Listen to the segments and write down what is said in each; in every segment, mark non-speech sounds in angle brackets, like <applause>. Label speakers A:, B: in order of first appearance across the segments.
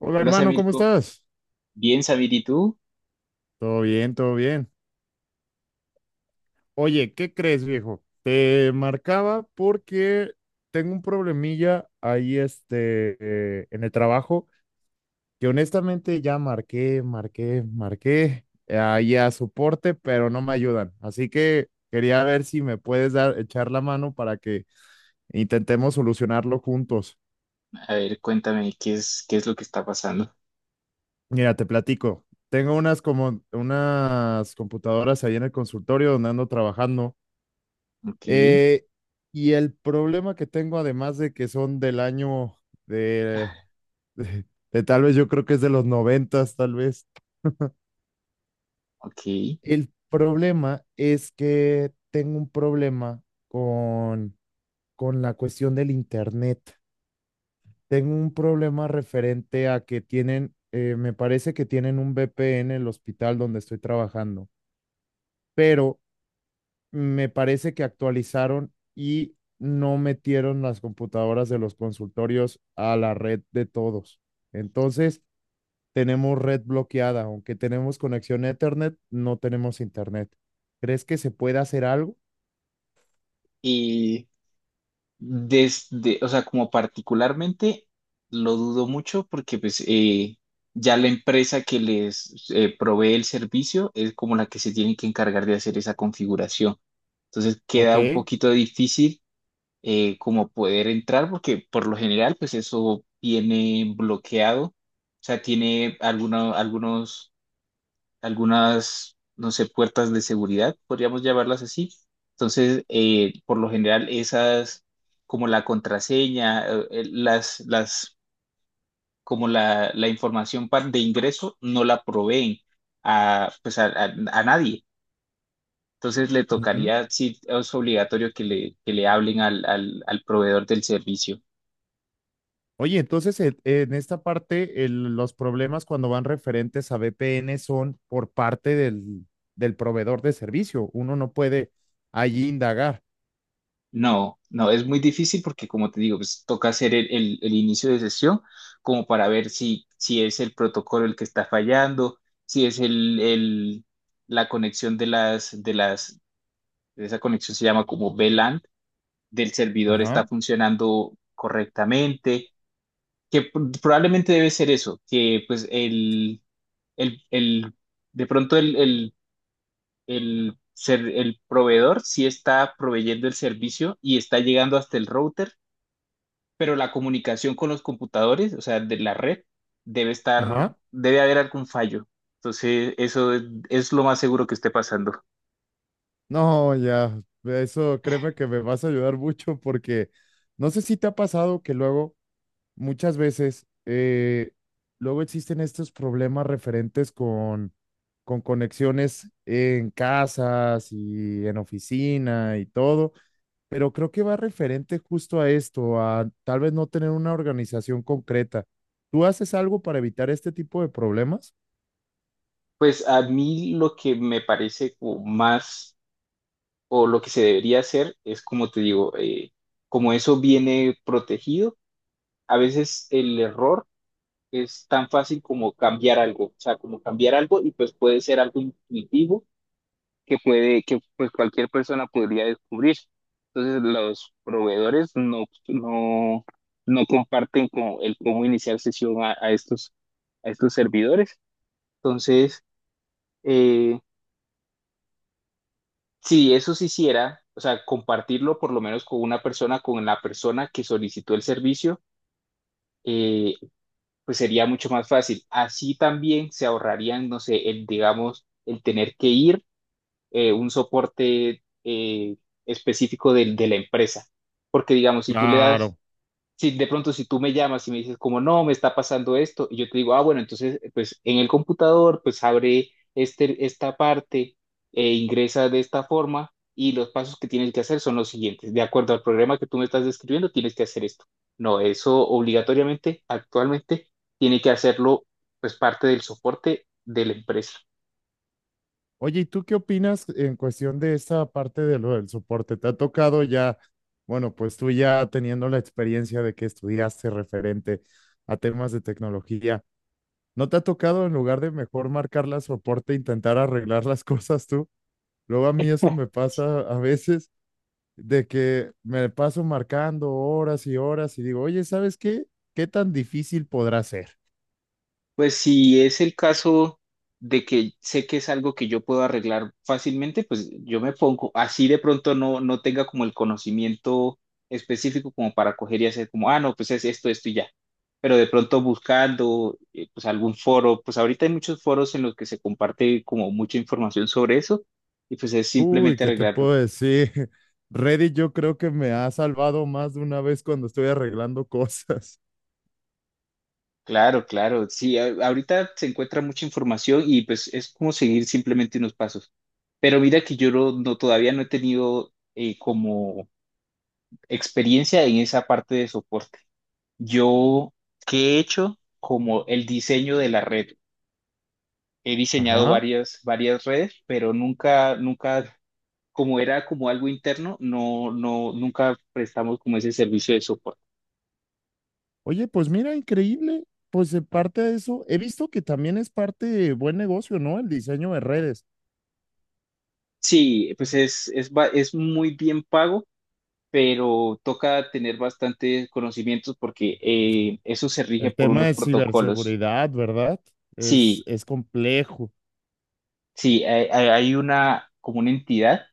A: Hola
B: Hola
A: hermano, ¿cómo
B: Samirko,
A: estás?
B: bien Samir, ¿y tú?
A: Todo bien, todo bien. Oye, ¿qué crees, viejo? Te marcaba porque tengo un problemilla ahí en el trabajo que honestamente ya marqué ahí a soporte, pero no me ayudan. Así que quería ver si me puedes dar, echar la mano para que intentemos solucionarlo juntos.
B: A ver, cuéntame qué es lo que está pasando.
A: Mira, te platico. Tengo unas como unas computadoras ahí en el consultorio donde ando trabajando.
B: Ok,
A: Eh, y el problema que tengo, además de que son del año de, de- de tal vez yo creo que es de los noventas, tal vez,
B: ok.
A: el problema es que tengo un problema con la cuestión del internet. Tengo un problema referente a que tienen, me parece que tienen un VPN en el hospital donde estoy trabajando, pero me parece que actualizaron y no metieron las computadoras de los consultorios a la red de todos. Entonces, tenemos red bloqueada, aunque tenemos conexión a Ethernet, no tenemos Internet. ¿Crees que se puede hacer algo?
B: Y desde, o sea, como particularmente lo dudo mucho porque pues ya la empresa que les provee el servicio es como la que se tiene que encargar de hacer esa configuración. Entonces
A: Ok.
B: queda un poquito difícil como poder entrar porque por lo general pues eso viene bloqueado. O sea, tiene algunos algunas, no sé, puertas de seguridad, podríamos llamarlas así. Entonces, por lo general, esas, como la contraseña, como la información de ingreso, no la proveen a, pues a nadie. Entonces, le
A: Ujú.
B: tocaría, sí, es obligatorio que le hablen al proveedor del servicio.
A: Oye, entonces en esta parte los problemas cuando van referentes a VPN son por parte del proveedor de servicio. Uno no puede allí indagar.
B: No, no, es muy difícil porque como te digo, pues toca hacer el inicio de sesión como para ver si, si es el protocolo el que está fallando, si es la conexión de esa conexión se llama como VLAN, del servidor está
A: Ajá,
B: funcionando correctamente, que probablemente debe ser eso, que pues el, el- de pronto el proveedor sí está proveyendo el servicio y está llegando hasta el router, pero la comunicación con los computadores, o sea, de la red, debe estar,
A: ajá.
B: debe haber algún fallo. Entonces, eso es lo más seguro que esté pasando.
A: No, ya, eso créeme que me vas a ayudar mucho porque no sé si te ha pasado que luego, muchas veces, luego existen estos problemas referentes con conexiones en casas y en oficina y todo, pero creo que va referente justo a esto, a tal vez no tener una organización concreta. ¿Tú haces algo para evitar este tipo de problemas?
B: Pues a mí lo que me parece como más, o lo que se debería hacer, es como te digo, como eso viene protegido, a veces el error es tan fácil como cambiar algo, o sea, como cambiar algo y pues puede ser algo intuitivo que puede, que pues cualquier persona podría descubrir. Entonces, los proveedores no comparten como el cómo iniciar sesión a estos servidores. Entonces, eh, si eso se hiciera, o sea, compartirlo por lo menos con una persona, con la persona que solicitó el servicio, eh, pues sería mucho más fácil. Así también se ahorrarían, no sé, el, digamos, el tener que ir un soporte específico de la empresa. Porque digamos, si tú le das,
A: Claro.
B: si de pronto si tú me llamas y me dices como, no, me está pasando esto, y yo te digo, ah, bueno, entonces, pues en el computador, pues abre este, esta parte e ingresa de esta forma y los pasos que tienes que hacer son los siguientes. De acuerdo al programa que tú me estás describiendo, tienes que hacer esto. No, eso obligatoriamente, actualmente, tiene que hacerlo, pues parte del soporte de la empresa.
A: Oye, ¿y tú qué opinas en cuestión de esta parte de lo del soporte? ¿Te ha tocado ya, bueno, pues tú ya teniendo la experiencia de que estudiaste referente a temas de tecnología, ¿no te ha tocado en lugar de mejor marcar la soporte, intentar arreglar las <laughs> cosas tú? Luego a mí eso me pasa a veces de que me paso marcando horas y horas y digo, oye, ¿sabes qué? ¿Qué tan difícil podrá ser?
B: Pues si es el caso de que sé que es algo que yo puedo arreglar fácilmente, pues yo me pongo, así de pronto no, no tenga como el conocimiento específico como para coger y hacer como, ah, no, pues es esto, esto y ya. Pero de pronto buscando pues algún foro, pues ahorita hay muchos foros en los que se comparte como mucha información sobre eso y pues es
A: Uy,
B: simplemente
A: ¿qué te
B: arreglarlo.
A: puedo decir? <laughs> Reddit yo creo que me ha salvado más de una vez cuando estoy arreglando <laughs> cosas.
B: Claro, claro, sí, ahorita se encuentra mucha información y pues es como seguir simplemente unos pasos. Pero mira que yo todavía no he tenido como experiencia en esa parte de soporte. Yo, ¿qué he hecho? Como el diseño de la red. He diseñado
A: Ajá.
B: varias, varias redes, pero nunca, nunca, como era como algo interno, nunca prestamos como ese servicio de soporte.
A: Oye, pues mira, increíble. Pues en parte de eso, he visto que también es parte de buen negocio, ¿no? El diseño de redes.
B: Sí, pues es, es muy bien pago, pero toca tener bastantes conocimientos porque eso se rige
A: El
B: por
A: tema
B: unos
A: de
B: protocolos.
A: ciberseguridad, ¿verdad? Es,
B: Sí,
A: es complejo.
B: sí, hay, hay una como una entidad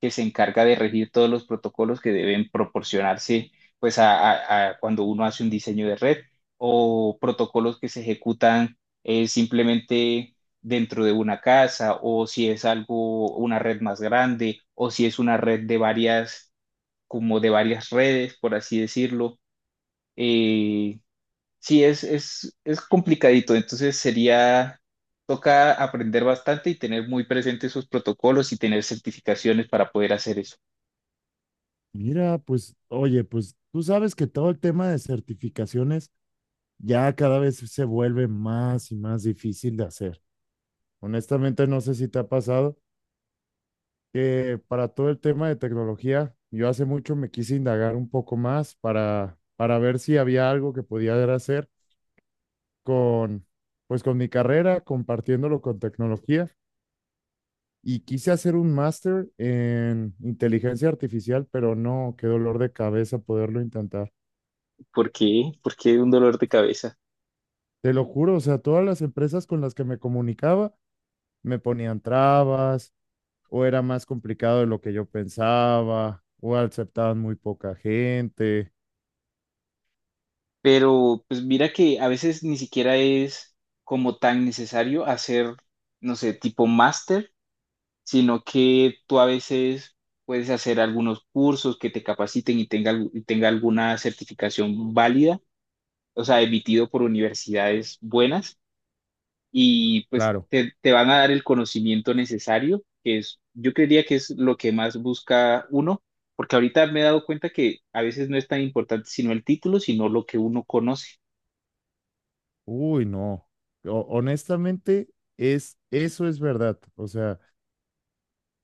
B: que se encarga de regir todos los protocolos que deben proporcionarse pues a cuando uno hace un diseño de red o protocolos que se ejecutan simplemente dentro de una casa o si es algo, una red más grande o si es una red de varias, como de varias redes, por así decirlo. Eh, Sí, es complicadito, entonces sería, toca aprender bastante y tener muy presentes esos protocolos y tener certificaciones para poder hacer eso.
A: Mira, pues, oye, pues tú sabes que todo el tema de certificaciones ya cada vez se vuelve más y más difícil de hacer. Honestamente, no sé si te ha pasado que para todo el tema de tecnología, yo hace mucho me quise indagar un poco más para ver si había algo que podía hacer con, pues con mi carrera, compartiéndolo con tecnología. Y quise hacer un máster en inteligencia artificial, pero no, qué dolor de cabeza poderlo intentar.
B: ¿Por qué? Porque un dolor de cabeza.
A: Te lo juro, o sea, todas las empresas con las que me comunicaba me ponían trabas o era más complicado de lo que yo pensaba o aceptaban muy poca gente.
B: Pero pues mira que a veces ni siquiera es como tan necesario hacer, no sé, tipo máster, sino que tú a veces puedes hacer algunos cursos que te capaciten y tenga alguna certificación válida, o sea, emitido por universidades buenas y pues
A: Claro.
B: te van a dar el conocimiento necesario, que es, yo creería que es lo que más busca uno, porque ahorita me he dado cuenta que a veces no es tan importante sino el título, sino lo que uno conoce.
A: Uy, no. Honestamente, es, eso es verdad. O sea,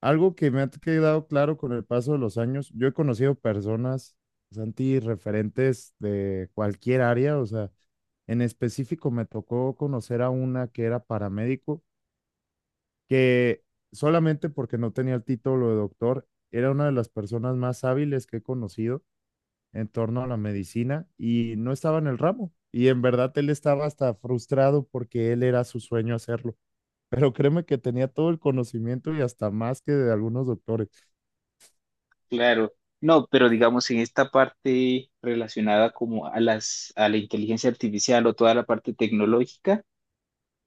A: algo que me ha quedado claro con el paso de los años, yo he conocido personas, Santi, referentes de cualquier área. O sea, en específico me tocó conocer a una que era paramédico, que solamente porque no tenía el título de doctor, era una de las personas más hábiles que he conocido en torno a la medicina y no estaba en el ramo. Y en verdad él estaba hasta frustrado porque él era su sueño hacerlo. Pero créeme que tenía todo el conocimiento y hasta más que de algunos doctores.
B: Claro, no, pero digamos en esta parte relacionada como a las, a la inteligencia artificial o toda la parte tecnológica,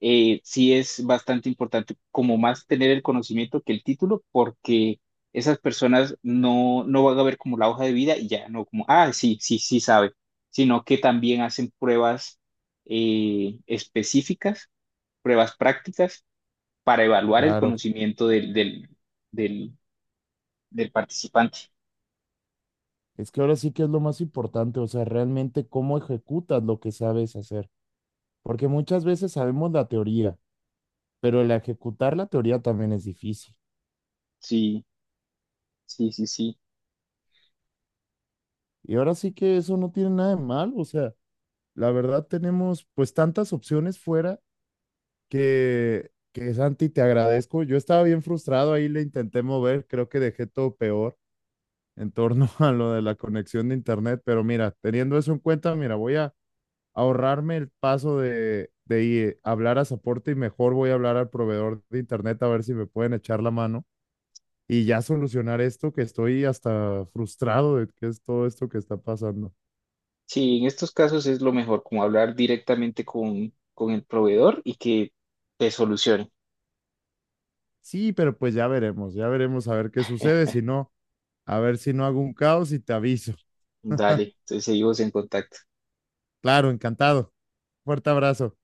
B: sí es bastante importante como más tener el conocimiento que el título, porque esas personas no, no van a ver como la hoja de vida y ya, no como, ah, sí, sí, sí sabe, sino que también hacen pruebas específicas, pruebas prácticas para evaluar el
A: Claro,
B: conocimiento del, del participante.
A: es que ahora sí que es lo más importante, o sea, realmente cómo ejecutas lo que sabes hacer. Porque muchas veces sabemos la teoría, pero el ejecutar la teoría también es difícil.
B: Sí, sí, sí, sí.
A: Y ahora sí que eso no tiene nada de mal, o sea, la verdad tenemos pues tantas opciones fuera que Santi, te agradezco. Yo estaba bien frustrado, ahí le intenté mover, creo que dejé todo peor en torno <laughs> a lo de la conexión de internet, pero mira, teniendo eso en cuenta, mira, voy a ahorrarme el paso a hablar a soporte y mejor voy a hablar al proveedor de internet a ver si me pueden echar la mano y ya solucionar esto que estoy hasta frustrado de que es todo esto que está pasando.
B: Sí, en estos casos es lo mejor, como hablar directamente con el proveedor y que te solucione.
A: Sí, pero pues ya veremos a ver qué sucede, si no, a ver si no hago un caos y te aviso.
B: Dale, entonces seguimos en contacto.
A: Claro, encantado. Fuerte abrazo.